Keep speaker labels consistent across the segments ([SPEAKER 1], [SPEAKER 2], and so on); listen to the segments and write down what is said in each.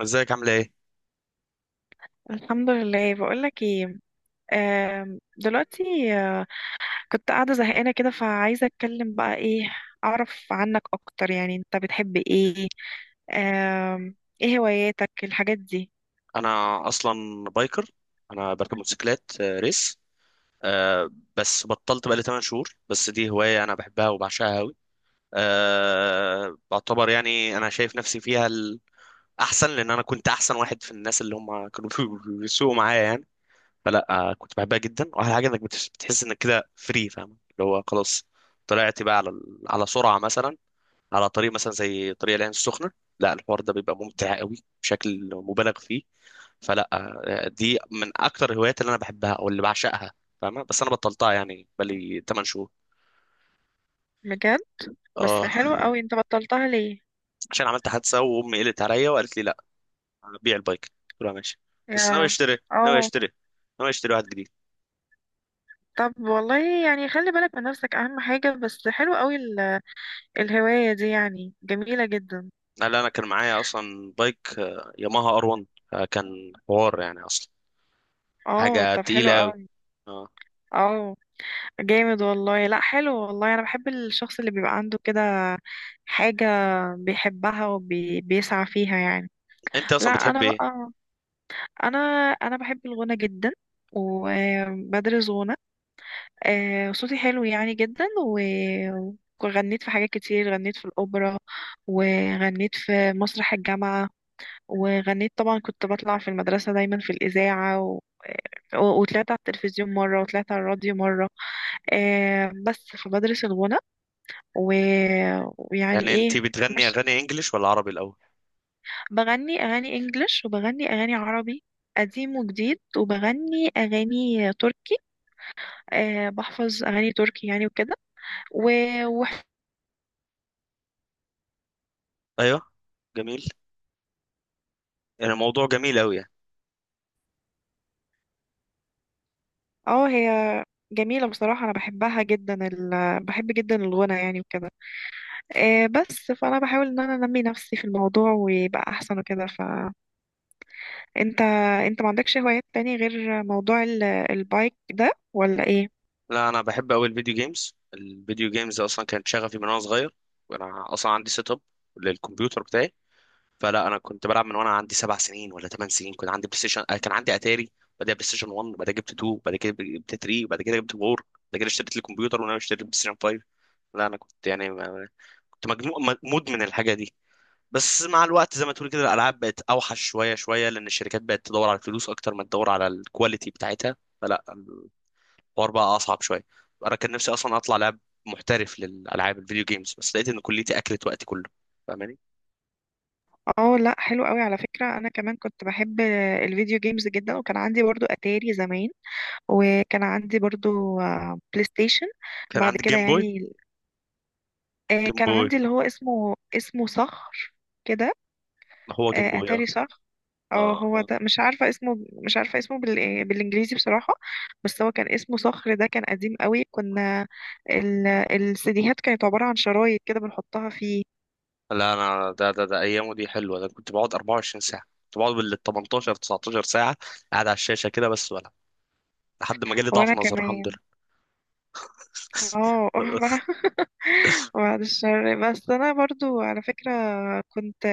[SPEAKER 1] ازيك؟ عامله ايه؟
[SPEAKER 2] الحمد لله، بقولك ايه. دلوقتي آه، كنت قاعدة زهقانة كده، فعايزة اتكلم بقى. ايه اعرف عنك اكتر، يعني انت بتحب ايه؟ آم، ايه هواياتك، الحاجات دي؟
[SPEAKER 1] انا اصلا بايكر. انا بركب موتوسيكلات، ريس. آه، بس بطلت بقالي 8 شهور. بس دي هوايه انا بحبها وبعشقها قوي. بعتبر يعني انا شايف نفسي فيها الاحسن، لان انا كنت احسن واحد في الناس اللي هم كانوا بيسوقوا معايا يعني. فلا، كنت بحبها جدا، واحلى حاجه انك بتحس انك كده فري، فاهم اللي هو خلاص، طلعت بقى على سرعه مثلا، على طريق مثلا زي طريق العين السخنه. لا الحوار ده بيبقى ممتع قوي بشكل مبالغ فيه. فلا، دي من اكتر الهوايات اللي انا بحبها او اللي بعشقها، فاهمة؟ بس انا بطلتها يعني بقالي 8 شهور.
[SPEAKER 2] بجد؟ بس
[SPEAKER 1] اه.
[SPEAKER 2] حلو قوي، انت بطلتها ليه؟
[SPEAKER 1] عشان عملت حادثة، وامي قلت عليا وقالت لي لا، بيع البايك. قلت لها ماشي. بس ناوي
[SPEAKER 2] يا.
[SPEAKER 1] اشتري، ناوي
[SPEAKER 2] اه.
[SPEAKER 1] اشتري، ناوي اشتري واحد جديد.
[SPEAKER 2] طب والله يعني خلي بالك من نفسك اهم حاجة، بس حلو قوي الهواية دي يعني جميلة جدا.
[SPEAKER 1] لا انا كان معايا اصلا بايك، ياماها ار 1. كان حوار يعني اصلا،
[SPEAKER 2] اه
[SPEAKER 1] حاجة
[SPEAKER 2] طب حلو
[SPEAKER 1] تقيلة قوي.
[SPEAKER 2] قوي.
[SPEAKER 1] اه.
[SPEAKER 2] اه جامد والله. لا حلو والله، انا بحب الشخص اللي بيبقى عنده كده حاجة بيحبها وبيسعى فيها يعني.
[SPEAKER 1] انت
[SPEAKER 2] لا
[SPEAKER 1] اصلا بتحب
[SPEAKER 2] انا
[SPEAKER 1] ايه؟
[SPEAKER 2] بقى، انا انا بحب الغنى جدا وبدرس غنى. صوتي حلو يعني جدا و وغنيت في حاجات كتير. غنيت في الأوبرا، وغنيت في مسرح الجامعة، وغنيت طبعا. كنت بطلع في المدرسة دايما في الإذاعة، وطلعت على التلفزيون مرة وطلعت على الراديو مرة. بس فبدرس الغنى و... ويعني
[SPEAKER 1] يعني انت
[SPEAKER 2] ايه.
[SPEAKER 1] بتغني
[SPEAKER 2] ماشي.
[SPEAKER 1] اغاني انجليش ولا عربي الاول؟
[SPEAKER 2] بغني اغاني انجلش وبغني اغاني عربي قديم وجديد، وبغني اغاني تركي. أه بحفظ اغاني تركي يعني وكده. و... و...
[SPEAKER 1] ايوه، جميل، يعني موضوع جميل قوي.
[SPEAKER 2] اه هي جميلة بصراحة، أنا بحبها جدا، بحب جدا الغنى يعني وكده. أه بس فأنا بحاول إن أنا أنمي نفسي في الموضوع ويبقى أحسن وكده. فأنت ما عندكش هوايات تاني غير موضوع البايك ده ولا إيه؟
[SPEAKER 1] لا انا بحب قوي الفيديو جيمز. الفيديو جيمز اصلا كانت شغفي من وانا صغير، وانا اصلا عندي سيت اب للكمبيوتر بتاعي. فلا انا كنت بلعب من وانا عندي 7 سنين ولا 8 سنين. كنت عندي بلاي ستيشن، كان عندي اتاري، بعدها بلاي ستيشن 1، بعد كده جبت 2، بعد كده جبت 3، بعد كده جبت 4، بعد كده اشتريت الكمبيوتر، وانا اشتريت بلاي ستيشن 5. لا انا كنت يعني كنت مدمن الحاجه دي. بس مع الوقت زي ما تقول كده، الالعاب بقت اوحش شويه شويه، لان الشركات بقت تدور على الفلوس اكتر ما تدور على الكواليتي بتاعتها. فلا الحوار بقى اصعب شويه. انا كان نفسي اصلا اطلع لاعب محترف للالعاب الفيديو جيمز، بس لقيت ان كليتي اكلت وقتي كله، فاهماني؟
[SPEAKER 2] اه لا حلو قوي على فكرة، انا كمان كنت بحب الفيديو جيمز جدا، وكان عندي برضو اتاري زمان، وكان عندي برضو بلاي ستيشن
[SPEAKER 1] كان
[SPEAKER 2] بعد
[SPEAKER 1] عندي
[SPEAKER 2] كده
[SPEAKER 1] جيم بوي.
[SPEAKER 2] يعني.
[SPEAKER 1] جيم
[SPEAKER 2] كان
[SPEAKER 1] بوي.
[SPEAKER 2] عندي اللي هو اسمه صخر كده.
[SPEAKER 1] ما هو جيم بوي، اه،
[SPEAKER 2] اتاري صخر. اه
[SPEAKER 1] اه،
[SPEAKER 2] هو
[SPEAKER 1] اه.
[SPEAKER 2] ده مش عارفة اسمه، مش عارفة اسمه بالانجليزي بصراحة. بس هو كان اسمه صخر، ده كان قديم قوي. كنا السيديهات كانت عبارة عن شرايط كده بنحطها فيه.
[SPEAKER 1] لا انا، ده ايامه دي حلوه، ده كنت بقعد 24 ساعه، كنت بقعد بال 18 19 ساعه قاعد على الشاشه كده بس، ولا لحد ما جالي ضعف
[SPEAKER 2] وانا
[SPEAKER 1] نظر، الحمد
[SPEAKER 2] كمان
[SPEAKER 1] لله.
[SPEAKER 2] اه. بعد الشر. بس انا برضو على فكرة كنت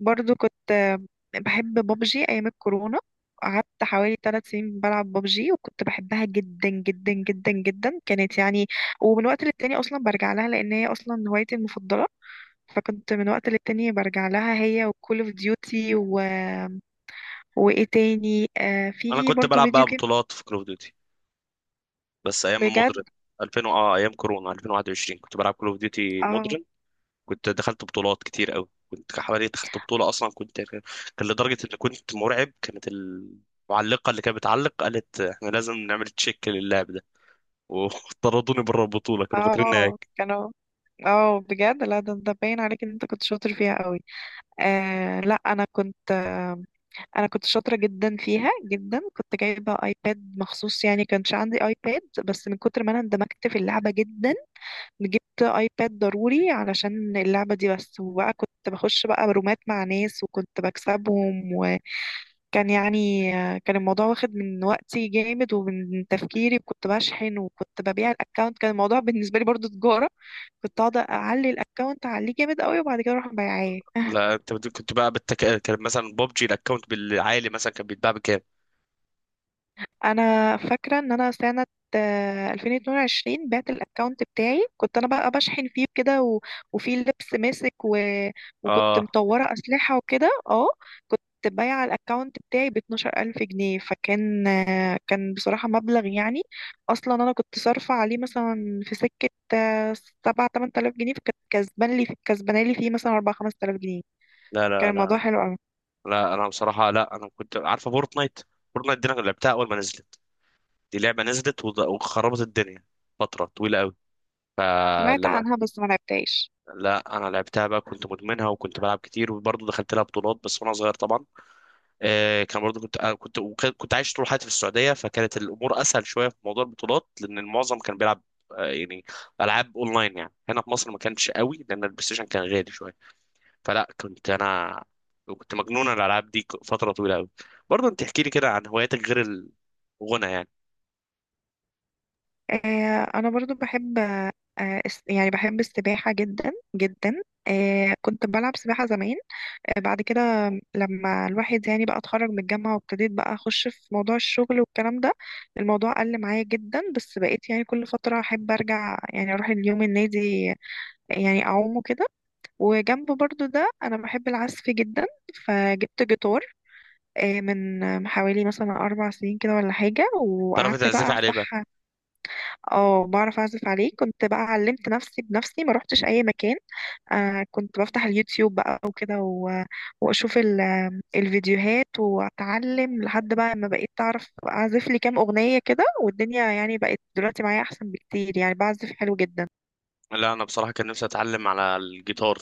[SPEAKER 2] برضو كنت بحب بابجي ايام الكورونا. قعدت حوالي 3 سنين بلعب بابجي وكنت بحبها جدا جدا جدا جدا، كانت يعني. ومن وقت للتاني اصلا برجع لها، لان هي اصلا هوايتي المفضلة. فكنت من وقت للتاني برجع لها، هي وكول اوف ديوتي وايه تاني؟ آه
[SPEAKER 1] انا
[SPEAKER 2] في
[SPEAKER 1] كنت
[SPEAKER 2] برضو
[SPEAKER 1] بلعب
[SPEAKER 2] فيديو
[SPEAKER 1] بقى
[SPEAKER 2] جيم.
[SPEAKER 1] بطولات في كول اوف ديوتي، بس ايام
[SPEAKER 2] بجد؟
[SPEAKER 1] مودرن 2000 ايام كورونا 2021 كنت بلعب كول اوف ديوتي.
[SPEAKER 2] اه
[SPEAKER 1] كنت دخلت بطولات كتير قوي، كنت حوالي دخلت بطولة، أصلا كان لدرجة إن كنت مرعب، كانت المعلقة اللي كانت بتعلق قالت إحنا لازم نعمل تشيك للاعب ده. وطردوني بره البطولة، كانوا فاكريني
[SPEAKER 2] اه.
[SPEAKER 1] هيك.
[SPEAKER 2] كانوا اه. بجد لا، ده انت باين عليك ان انت كنت شاطر فيها قوي. آه لا، انا كنت شاطره جدا فيها جدا، كنت جايبه ايباد مخصوص يعني. كانش عندي ايباد، بس من كتر ما انا اندمجت في اللعبه جدا جبت ايباد ضروري علشان اللعبه دي بس. وبقى كنت بخش بقى رومات مع ناس وكنت بكسبهم، كان يعني كان الموضوع واخد من وقتي جامد ومن تفكيري. كنت بشحن وكنت ببيع الاكونت، كان الموضوع بالنسبه لي برضو تجاره. كنت اقعد اعلي الاكونت اعليه جامد قوي وبعد كده اروح مبيعاه.
[SPEAKER 1] لا أنت كنت بقى كان مثلا ببجي الأكونت بالعالي، مثلا كان بيتباع بكام؟
[SPEAKER 2] انا فاكره ان انا سنه 2022 بعت الاكونت بتاعي، كنت انا بقى بشحن فيه كده وفيه لبس ماسك وكنت
[SPEAKER 1] آه
[SPEAKER 2] مطوره اسلحه وكده اه. كنت بايعه الاكونت بتاعي ب 12,000 جنيه، فكان آه، كان بصراحه مبلغ يعني. اصلا انا كنت صارفه عليه مثلا في سكه آه، 7 8,000 جنيه، فكانت كسبان لي، كسبانه لي فيه مثلا 4 5,000 جنيه.
[SPEAKER 1] لا
[SPEAKER 2] كان
[SPEAKER 1] لا
[SPEAKER 2] الموضوع
[SPEAKER 1] لا
[SPEAKER 2] حلو قوي.
[SPEAKER 1] لا، أنا بصراحة لا، أنا كنت عارفة فورتنايت. فورتنايت دي أنا لعبتها أول ما نزلت. دي لعبة نزلت وخربت الدنيا فترة طويلة قوي.
[SPEAKER 2] سمعت
[SPEAKER 1] فلما،
[SPEAKER 2] عنها بس ما لعبتهاش.
[SPEAKER 1] لا انا لعبتها بقى، كنت مدمنها وكنت بلعب كتير، وبرضه دخلت لها بطولات، بس وانا صغير طبعا. كان برضه كنت آه كنت وك- كنت عايش طول حياتي في السعوديه، فكانت الامور اسهل شويه في موضوع البطولات، لان المعظم كان بيلعب يعني العاب اونلاين. يعني هنا في مصر ما كانش قوي، لان البلاي ستيشن كان غالي شويه. فلا انا كنت مجنون على الالعاب دي، فتره طويله قوي. برضه انت احكي لي كده عن هواياتك غير الغنى يعني.
[SPEAKER 2] انا برضو بحب، يعني بحب السباحة جدا جدا. كنت بلعب سباحة زمان. بعد كده لما الواحد يعني بقى اتخرج من الجامعة، وابتديت بقى اخش في موضوع الشغل والكلام ده، الموضوع قل معايا جدا. بس بقيت يعني كل فترة احب ارجع، يعني اروح اليوم النادي، يعني اعومه كده. وجنب برضو ده انا بحب العزف جدا، فجبت جيتار من حوالي مثلا 4 سنين كده ولا حاجة،
[SPEAKER 1] تعرف
[SPEAKER 2] وقعدت
[SPEAKER 1] تعزف
[SPEAKER 2] بقى
[SPEAKER 1] عليه بقى؟
[SPEAKER 2] افتح. اه بعرف اعزف عليه، كنت بقى علمت نفسي بنفسي ما روحتش اي مكان. كنت بفتح اليوتيوب بقى وكده واشوف الفيديوهات واتعلم لحد بقى ما بقيت اعرف اعزف لي كام اغنية كده. والدنيا يعني بقت دلوقتي معايا احسن بكتير، يعني بعزف حلو جدا.
[SPEAKER 1] لا انا بصراحه كان نفسي اتعلم على الجيتار،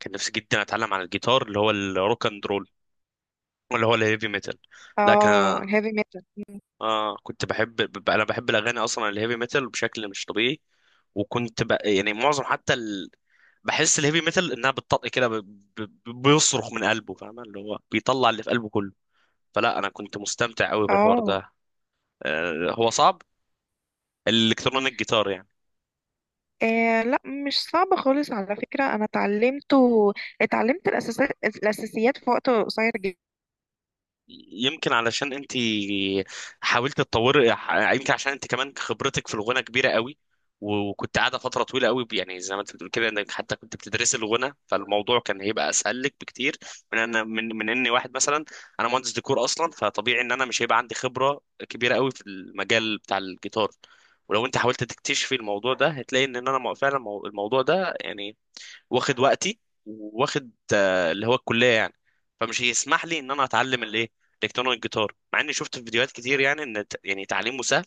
[SPEAKER 1] كان نفسي جدا اتعلم على الجيتار، اللي هو الروك اند رول، اللي هو الهيفي ميتال. لكن،
[SPEAKER 2] اه الهيفي ميتال.
[SPEAKER 1] اه كنت بحب، انا بحب الاغاني اصلا الهيفي ميتال بشكل مش طبيعي، يعني معظم حتى بحس الهيفي ميتال انها بتطق كده، بيصرخ من قلبه، فاهم اللي هو بيطلع اللي في قلبه كله. فلا انا كنت مستمتع قوي بالحوار
[SPEAKER 2] اه.
[SPEAKER 1] ده. هو صعب الالكترونيك جيتار يعني؟
[SPEAKER 2] آه لا، مش صعب خالص على فكرة، أنا اتعلمت الأساسات، الأساسيات في وقت قصير جدا.
[SPEAKER 1] يمكن علشان انت حاولت تطوري، يمكن عشان انت كمان خبرتك في الغنى كبيره قوي، وكنت قاعده فتره طويله قوي، يعني زي ما انت بتقول كده انك حتى كنت بتدرسي الغنى، فالموضوع كان هيبقى اسهل لك بكتير من ان من من اني واحد مثلا، انا مهندس ديكور اصلا، فطبيعي ان انا مش هيبقى عندي خبره كبيره قوي في المجال بتاع الجيتار. ولو انت حاولت تكتشفي الموضوع ده، هتلاقي ان انا فعلا، الموضوع ده يعني واخد وقتي، واخد اللي هو الكليه يعني. فمش هيسمح لي ان انا اتعلم الايه، الكترونيك جيتار، مع اني شفت في فيديوهات كتير يعني ان يعني تعليمه سهل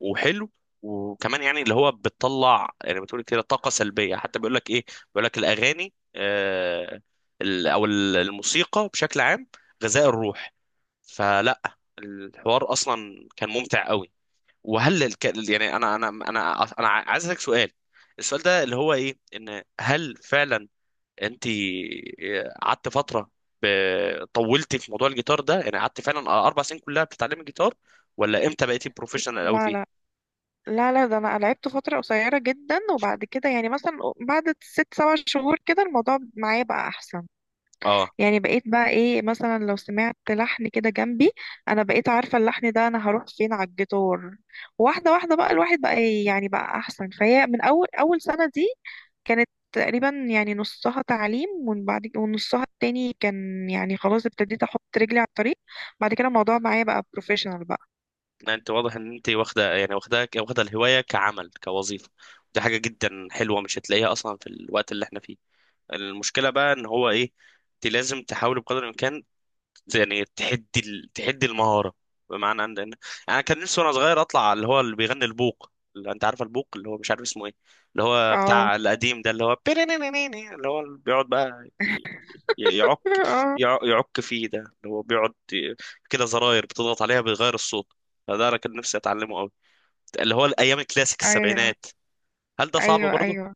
[SPEAKER 1] وحلو. وكمان يعني اللي هو بتطلع، يعني بتقول كده طاقه سلبيه، حتى بيقول لك ايه، بيقول لك الاغاني، الموسيقى بشكل عام غذاء الروح. فلا الحوار اصلا كان ممتع قوي. وهل يعني انا عايز اسالك سؤال، السؤال ده اللي هو ايه، ان هل فعلا انت قعدت فتره، طولتي في موضوع الجيتار ده، يعني قعدت فعلا 4 سنين كلها بتتعلمي جيتار؟ ولا امتى بقيتي بروفيشنال قوي
[SPEAKER 2] لا، لا،
[SPEAKER 1] فيه؟
[SPEAKER 2] لا، لا، ده انا لعبته فتره قصيره جدا. وبعد كده يعني مثلا بعد ست سبع شهور كده الموضوع معايا بقى احسن.
[SPEAKER 1] اه.
[SPEAKER 2] يعني بقيت بقى ايه، مثلا لو سمعت لحن كده جنبي، انا بقيت عارفه اللحن ده انا هروح فين على الجيتار. واحده واحده بقى الواحد بقى إيه، يعني بقى احسن. فهي من اول اول سنه دي كانت تقريبا يعني نصها تعليم، ومن بعد ونصها التاني كان يعني خلاص ابتديت احط رجلي على الطريق. بعد كده الموضوع معايا بقى بروفيشنال بقى.
[SPEAKER 1] لا، انت واضح ان انت واخده، يعني واخده واخده الهوايه كعمل، كوظيفه. دي حاجه جدا حلوه مش هتلاقيها اصلا في الوقت اللي احنا فيه. المشكله بقى ان هو ايه، انت لازم تحاولي بقدر الامكان يعني تحدي المهارة. بمعنى ان انا كان نفسي وانا صغير اطلع اللي هو اللي بيغني البوق، اللي انت عارف البوق اللي هو مش عارف اسمه ايه، اللي هو
[SPEAKER 2] اه.
[SPEAKER 1] بتاع القديم ده، اللي هو بيرينينينيني، اللي هو اللي بيقعد بقى يعك،
[SPEAKER 2] اه.
[SPEAKER 1] يعك فيه، ده اللي هو بيقعد كده زراير بتضغط عليها بيغير الصوت. فده انا كان نفسي اتعلمه قوي، اللي هو الايام الكلاسيك
[SPEAKER 2] ايوه
[SPEAKER 1] السبعينات. هل ده صعب
[SPEAKER 2] ايوه
[SPEAKER 1] برضه؟
[SPEAKER 2] ايوه،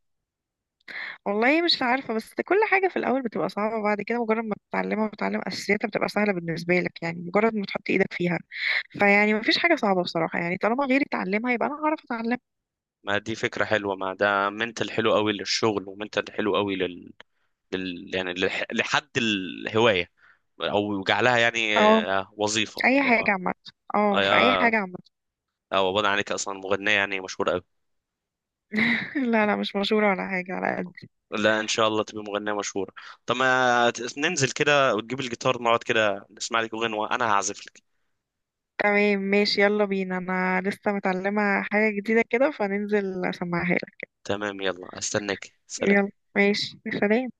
[SPEAKER 2] والله مش عارفة، بس كل حاجة في الأول بتبقى صعبة وبعد كده مجرد ما تتعلمها وتتعلم أساسياتها بتبقى سهلة بالنسبة لك، يعني مجرد ما تحط إيدك فيها فيعني مفيش حاجة صعبة بصراحة. يعني طالما غيري اتعلمها يبقى أنا هعرف أتعلم.
[SPEAKER 1] ما دي فكرة حلوة، ما ده منتل حلو قوي للشغل ومنتل حلو قوي يعني لحد الهواية، او جعلها يعني
[SPEAKER 2] أه
[SPEAKER 1] وظيفه،
[SPEAKER 2] أي حاجة عامة. أه في أي
[SPEAKER 1] آه،
[SPEAKER 2] حاجة عامة.
[SPEAKER 1] او ابعد عنك اصلا مغنيه يعني مشهوره قوي.
[SPEAKER 2] لا لا مش مشهورة ولا حاجة على قد.
[SPEAKER 1] لا ان شاء الله تبقى مغنيه مشهوره. طب ما ننزل كده وتجيب الجيتار، نقعد كده نسمع لك اغنيه وانا هعزف لك.
[SPEAKER 2] تمام ماشي يلا بينا، أنا لسه متعلمة حاجة جديدة كده فننزل أسمعها لك.
[SPEAKER 1] تمام يلا استناك، سلام.
[SPEAKER 2] يلا ماشي سلام.